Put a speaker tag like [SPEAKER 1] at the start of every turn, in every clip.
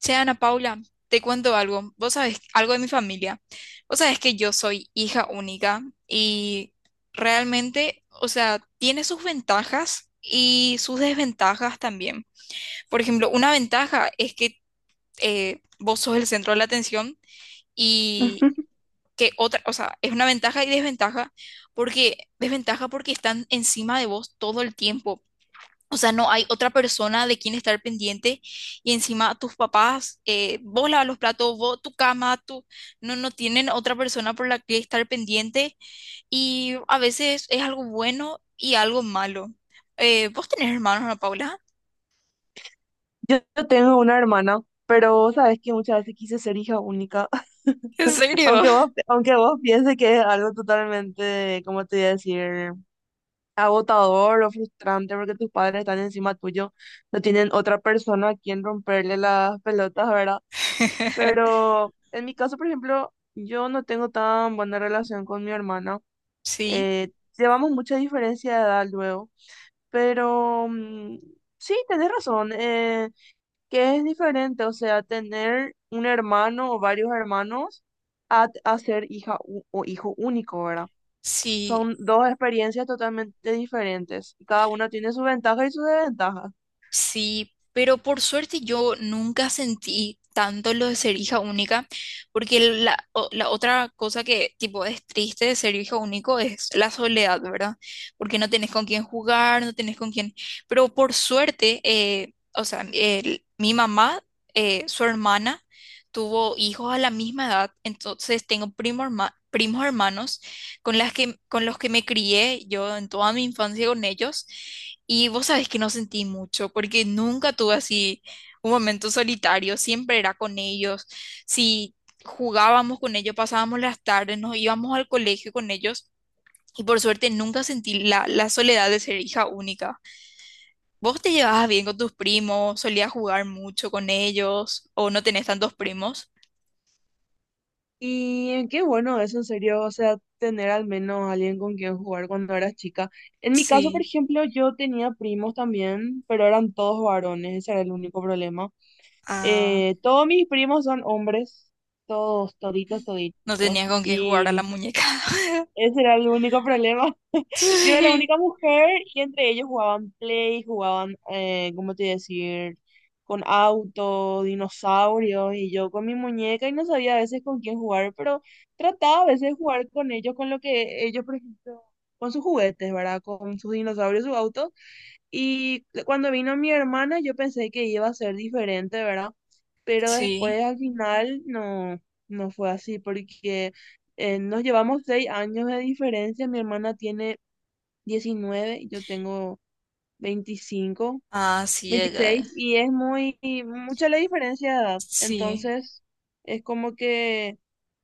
[SPEAKER 1] Che, Ana Paula, te cuento algo. Vos sabés algo de mi familia. Vos sabés que yo soy hija única y realmente, o sea, tiene sus ventajas y sus desventajas también. Por ejemplo, una ventaja es que vos sos el centro de la atención y que otra, o sea, es una ventaja y desventaja porque están encima de vos todo el tiempo. O sea, no hay otra persona de quien estar pendiente y encima tus papás, vos lavas los platos, vos tu cama, tu... No tienen otra persona por la que estar pendiente y a veces es algo bueno y algo malo. ¿Vos tenés hermanos, Ana Paula?
[SPEAKER 2] Yo tengo una hermana, pero sabes que muchas veces quise ser hija única.
[SPEAKER 1] ¿En serio?
[SPEAKER 2] Aunque vos pienses que es algo totalmente, ¿cómo te voy a decir?, agotador o frustrante porque tus padres están encima tuyo, no tienen otra persona a quien romperle las pelotas, ¿verdad? Pero en mi caso, por ejemplo, yo no tengo tan buena relación con mi hermana.
[SPEAKER 1] Sí,
[SPEAKER 2] Eh, Llevamos mucha diferencia de edad luego, pero sí, tenés razón. Que es diferente, o sea, tener un hermano o varios hermanos a ser hija u- o hijo único, ¿verdad?
[SPEAKER 1] sí.
[SPEAKER 2] Son dos experiencias totalmente diferentes y cada una tiene sus ventajas y sus desventajas.
[SPEAKER 1] Sí, pero por suerte yo nunca sentí tanto lo de ser hija única, porque la otra cosa que tipo es triste de ser hija único es la soledad, ¿verdad? Porque no tenés con quién jugar, no tenés con quién... Pero por suerte, o sea, mi mamá, su hermana, tuvo hijos a la misma edad, entonces tengo primos hermanos con las que, con los que me crié yo en toda mi infancia con ellos. Y vos sabés que no sentí mucho, porque nunca tuve así un momento solitario, siempre era con ellos. Si jugábamos con ellos, pasábamos las tardes, nos íbamos al colegio con ellos, y por suerte nunca sentí la soledad de ser hija única. ¿Vos te llevabas bien con tus primos? ¿Solías jugar mucho con ellos? ¿O no tenés tantos primos?
[SPEAKER 2] Y qué bueno eso, en serio, o sea, tener al menos alguien con quien jugar cuando eras chica. En mi caso, por
[SPEAKER 1] Sí.
[SPEAKER 2] ejemplo, yo tenía primos también, pero eran todos varones, ese era el único problema.
[SPEAKER 1] Ah,
[SPEAKER 2] Todos mis primos son hombres, todos, toditos,
[SPEAKER 1] no tenías
[SPEAKER 2] toditos.
[SPEAKER 1] con quién
[SPEAKER 2] Y
[SPEAKER 1] jugar a la muñeca.
[SPEAKER 2] ese era el único problema. Yo era la
[SPEAKER 1] Sí,
[SPEAKER 2] única mujer y entre ellos jugaban Play, jugaban, ¿cómo te decir? Con autos, dinosaurios y yo con mi muñeca y no sabía a veces con quién jugar, pero trataba a veces de jugar con ellos, con lo que ellos, por ejemplo, con sus juguetes, ¿verdad? Con sus dinosaurios, sus autos. Y cuando vino mi hermana, yo pensé que iba a ser diferente, ¿verdad? Pero después
[SPEAKER 1] sí.
[SPEAKER 2] al final no, no fue así, porque nos llevamos 6 años de diferencia. Mi hermana tiene 19 y yo tengo 25
[SPEAKER 1] Ah, sí, ella.
[SPEAKER 2] 26 y es muy, mucha la diferencia de edad.
[SPEAKER 1] Sí.
[SPEAKER 2] Entonces, es como que,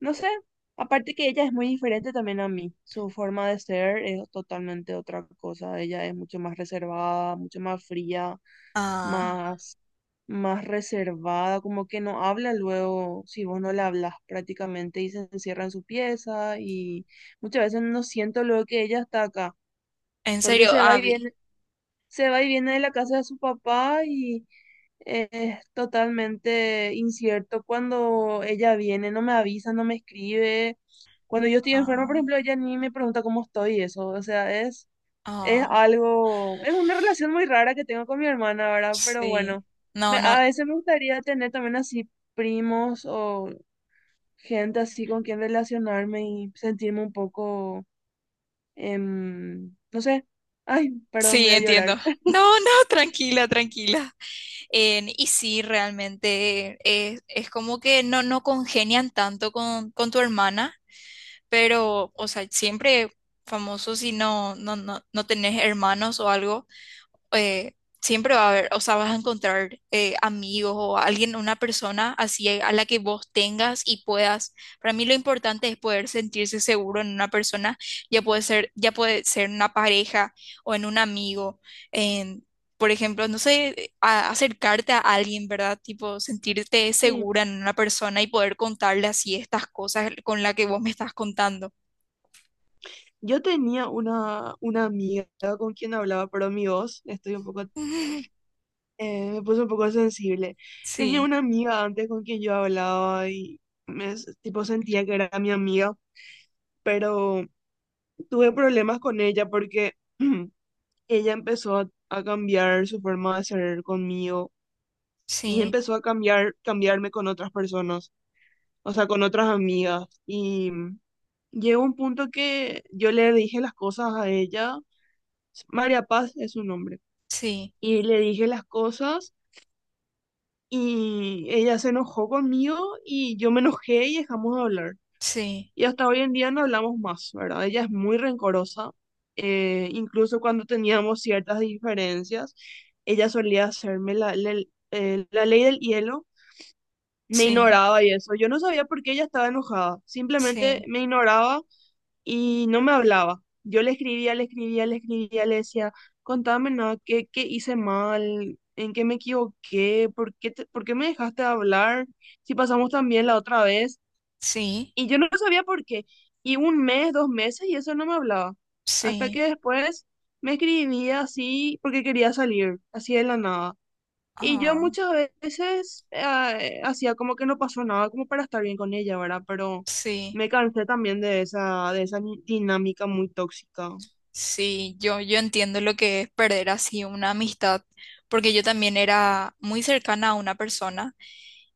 [SPEAKER 2] no sé, aparte que ella es muy diferente también a mí. Su forma de ser es totalmente otra cosa. Ella es mucho más reservada, mucho más fría,
[SPEAKER 1] Ah.
[SPEAKER 2] más, más reservada, como que no habla luego si vos no le hablas prácticamente y se encierra en su pieza y muchas veces no siento luego que ella está acá,
[SPEAKER 1] En
[SPEAKER 2] porque
[SPEAKER 1] serio,
[SPEAKER 2] se va y
[SPEAKER 1] Abby.
[SPEAKER 2] viene, se va y viene de la casa de su papá y es totalmente incierto cuando ella viene, no me avisa, no me escribe. Cuando yo estoy enferma, por
[SPEAKER 1] Ah,
[SPEAKER 2] ejemplo, ella ni me pregunta cómo estoy, y eso, o sea, es
[SPEAKER 1] ah,
[SPEAKER 2] algo, es una relación muy rara que tengo con mi hermana, ¿verdad? Pero bueno,
[SPEAKER 1] sí. No, no.
[SPEAKER 2] a veces me gustaría tener también así primos o gente así con quien relacionarme y sentirme un poco, no sé, ay, perdón,
[SPEAKER 1] Sí,
[SPEAKER 2] voy a
[SPEAKER 1] entiendo.
[SPEAKER 2] llorar.
[SPEAKER 1] No, no, tranquila, tranquila. Y sí, realmente es como que no, no congenian tanto con tu hermana, pero, o sea, siempre famoso si no, no, no, no tenés hermanos o algo. eh, Siempre va a haber, o sea, vas a encontrar amigos o alguien, una persona así a la que vos tengas y puedas. Para mí lo importante es poder sentirse seguro en una persona, ya puede ser en una pareja o en un amigo, en, por ejemplo, no sé, acercarte a alguien, ¿verdad? Tipo, sentirte
[SPEAKER 2] Sí,
[SPEAKER 1] segura en una persona y poder contarle así estas cosas con las que vos me estás contando.
[SPEAKER 2] yo tenía una amiga con quien hablaba, pero mi voz, estoy un poco me puse un poco sensible. Tenía
[SPEAKER 1] Sí,
[SPEAKER 2] una amiga antes con quien yo hablaba y tipo sentía que era mi amiga, pero tuve problemas con ella porque ella empezó a cambiar su forma de ser conmigo y
[SPEAKER 1] sí,
[SPEAKER 2] empezó a cambiar, cambiarme con otras personas, o sea, con otras amigas. Y llegó un punto que yo le dije las cosas a ella, María Paz es su nombre,
[SPEAKER 1] sí,
[SPEAKER 2] y le dije las cosas. Y ella se enojó conmigo y yo me enojé y dejamos de hablar.
[SPEAKER 1] sí,
[SPEAKER 2] Y hasta hoy en día no hablamos más, ¿verdad? Ella es muy rencorosa. Incluso cuando teníamos ciertas diferencias, ella solía hacerme la ley del hielo. Me
[SPEAKER 1] sí,
[SPEAKER 2] ignoraba y eso. Yo no sabía por qué ella estaba enojada. Simplemente
[SPEAKER 1] sí.
[SPEAKER 2] me ignoraba y no me hablaba. Yo le escribía, le escribía, le escribía, le decía, contame nada, ¿qué, qué hice mal? ¿En qué me equivoqué? ¿Por qué me dejaste de hablar? Si pasamos tan bien la otra vez.
[SPEAKER 1] Sí,
[SPEAKER 2] Y yo no sabía por qué. Y un mes, 2 meses, y eso no me hablaba. Hasta
[SPEAKER 1] sí,
[SPEAKER 2] que después me escribía así porque quería salir, así de la nada. Y yo
[SPEAKER 1] ah,
[SPEAKER 2] muchas veces hacía como que no pasó nada, como para estar bien con ella, ¿verdad? Pero
[SPEAKER 1] sí,
[SPEAKER 2] me cansé también de esa dinámica muy tóxica.
[SPEAKER 1] sí, yo entiendo lo que es perder así una amistad, porque yo también era muy cercana a una persona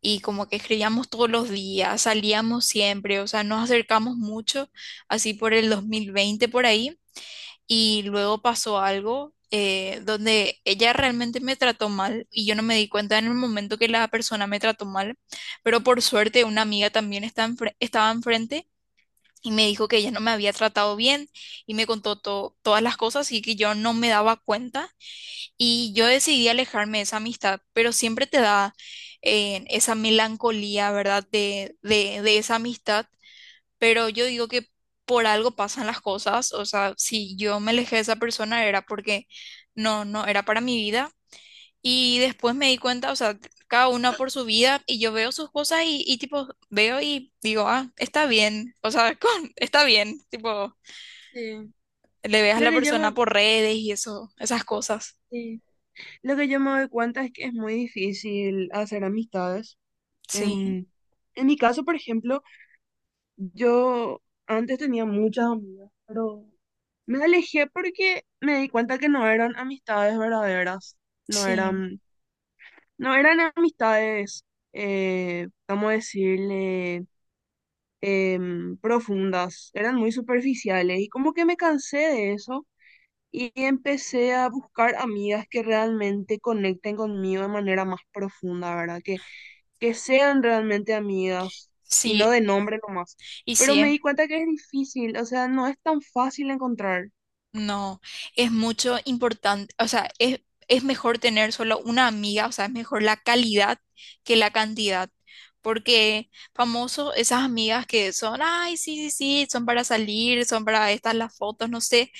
[SPEAKER 1] y como que escribíamos todos los días, salíamos siempre, o sea, nos acercamos mucho, así por el 2020 por ahí, y luego pasó algo donde ella realmente me trató mal y yo no me di cuenta en el momento que la persona me trató mal, pero por suerte una amiga también estaba enfrente. Y me dijo que ella no me había tratado bien y me contó todas las cosas y que yo no me daba cuenta y yo decidí alejarme de esa amistad, pero siempre te da esa melancolía, ¿verdad? De esa amistad, pero yo digo que por algo pasan las cosas, o sea, si yo me alejé de esa persona era porque no, no era para mi vida. Y después me di cuenta, o sea, cada una por su vida y yo veo sus cosas y tipo, veo y digo, ah, está bien, o sea, está bien, tipo,
[SPEAKER 2] Sí,
[SPEAKER 1] le veas a
[SPEAKER 2] Lo
[SPEAKER 1] la
[SPEAKER 2] que yo me,
[SPEAKER 1] persona por redes y eso, esas cosas.
[SPEAKER 2] Sí, lo que yo me doy cuenta es que es muy difícil hacer amistades.
[SPEAKER 1] Sí,
[SPEAKER 2] En, en mi caso, por ejemplo, yo antes tenía muchas amigas, pero me alejé porque me di cuenta que no eran amistades verdaderas, no
[SPEAKER 1] sí,
[SPEAKER 2] eran no, eran amistades, vamos a decirle, profundas, eran muy superficiales y como que me cansé de eso y empecé a buscar amigas que realmente conecten conmigo de manera más profunda, ¿verdad? Que sean realmente amigas y no
[SPEAKER 1] sí,
[SPEAKER 2] de nombre nomás.
[SPEAKER 1] y
[SPEAKER 2] Pero
[SPEAKER 1] sí.
[SPEAKER 2] me
[SPEAKER 1] es
[SPEAKER 2] di cuenta que es difícil, o sea, no es tan fácil encontrar.
[SPEAKER 1] No, es mucho importante, o sea, es mejor tener solo una amiga, o sea, es mejor la calidad que la cantidad, porque famoso, esas amigas que son, ay, sí, sí, sí, son para salir, son para estas las fotos, no sé,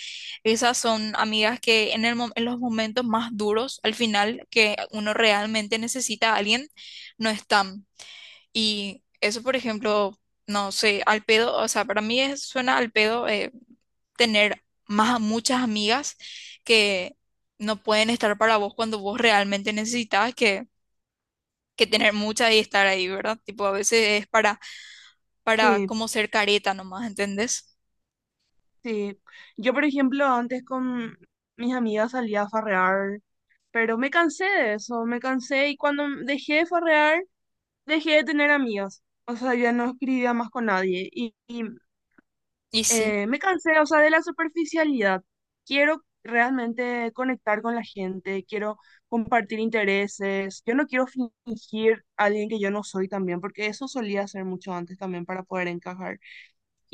[SPEAKER 1] esas son amigas que en el, en los momentos más duros, al final, que uno realmente necesita a alguien, no están. Y eso, por ejemplo, no sé, al pedo, o sea, para mí suena al pedo, tener más, muchas amigas que no pueden estar para vos cuando vos realmente necesitas que tener muchas y estar ahí, ¿verdad? Tipo, a veces es para
[SPEAKER 2] Sí,
[SPEAKER 1] como ser careta nomás, ¿entendés?
[SPEAKER 2] sí. Yo, por ejemplo, antes con mis amigas salía a farrear. Pero me cansé de eso, me cansé y cuando dejé de farrear, dejé de tener amigos. O sea, ya no escribía más con nadie. Y, y,
[SPEAKER 1] Y sí,
[SPEAKER 2] eh, me cansé, o sea, de la superficialidad. Quiero realmente conectar con la gente, quiero compartir intereses. Yo no quiero fingir a alguien que yo no soy también, porque eso solía hacer mucho antes también para poder encajar.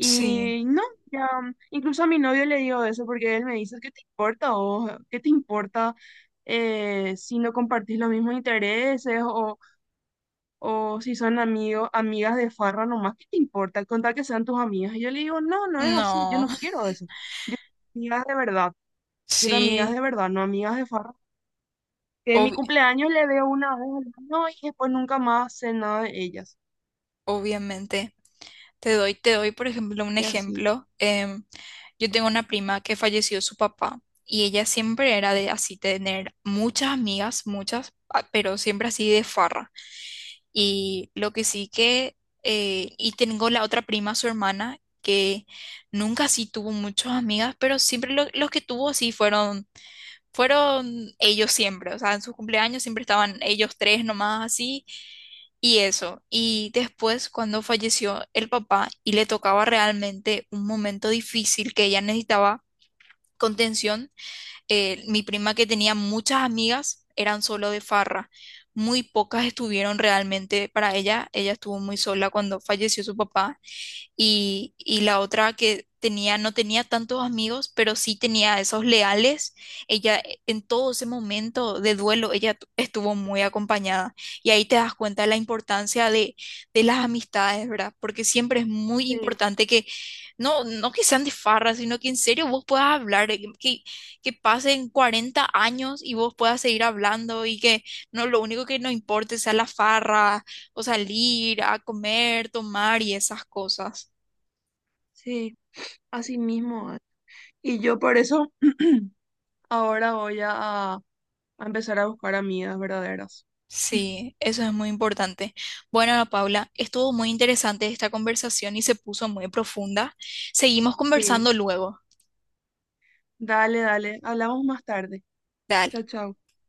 [SPEAKER 1] sí,
[SPEAKER 2] no, ya, incluso a mi novio le digo eso porque él me dice, ¿qué te importa o qué te importa si no compartís los mismos intereses o si son amigos, amigas de farra nomás? ¿Qué te importa? Contar que sean tus amigas. Y yo le digo, no, no es así, yo
[SPEAKER 1] no,
[SPEAKER 2] no quiero eso. Yo quiero amigas de verdad, quiero amigas
[SPEAKER 1] sí,
[SPEAKER 2] de verdad, no amigas de farra. Que en mi
[SPEAKER 1] ob-
[SPEAKER 2] cumpleaños le veo una vez al año no, y después nunca más sé nada de ellas.
[SPEAKER 1] obviamente. Te doy, por ejemplo, un
[SPEAKER 2] Y así.
[SPEAKER 1] ejemplo. em, yo tengo una prima que falleció su papá y ella siempre era de así tener muchas amigas, muchas, ah, pero siempre así de farra. Y lo que sí que, y tengo la otra prima, su hermana, que nunca sí tuvo muchas amigas, pero siempre los que tuvo sí fueron, fueron ellos siempre. O sea, en sus cumpleaños siempre estaban ellos tres nomás así, y eso. Y después, cuando falleció el papá y le tocaba realmente un momento difícil que ella necesitaba contención, mi prima que tenía muchas amigas eran solo de farra. Muy pocas estuvieron realmente para ella. Ella estuvo muy sola cuando falleció su papá y la otra que tenía, no tenía tantos amigos, pero sí tenía esos leales. Ella en todo ese momento de duelo, estuvo muy acompañada. Y ahí te das cuenta de la importancia de las amistades, ¿verdad? Porque siempre es muy
[SPEAKER 2] Sí,
[SPEAKER 1] importante que, no, no que sean de farra, sino que en serio vos puedas hablar, que pasen 40 años y vos puedas seguir hablando y que no, lo único que no importe sea la farra o salir a comer, tomar y esas cosas.
[SPEAKER 2] sí, así mismo. Y yo por eso. Ahora voy a empezar a buscar amigas verdaderas.
[SPEAKER 1] Sí, eso es muy importante. Bueno, Ana Paula, estuvo muy interesante esta conversación y se puso muy profunda. Seguimos
[SPEAKER 2] Sí,
[SPEAKER 1] conversando luego.
[SPEAKER 2] dale, dale. Hablamos más tarde.
[SPEAKER 1] Dale.
[SPEAKER 2] Chao, chao.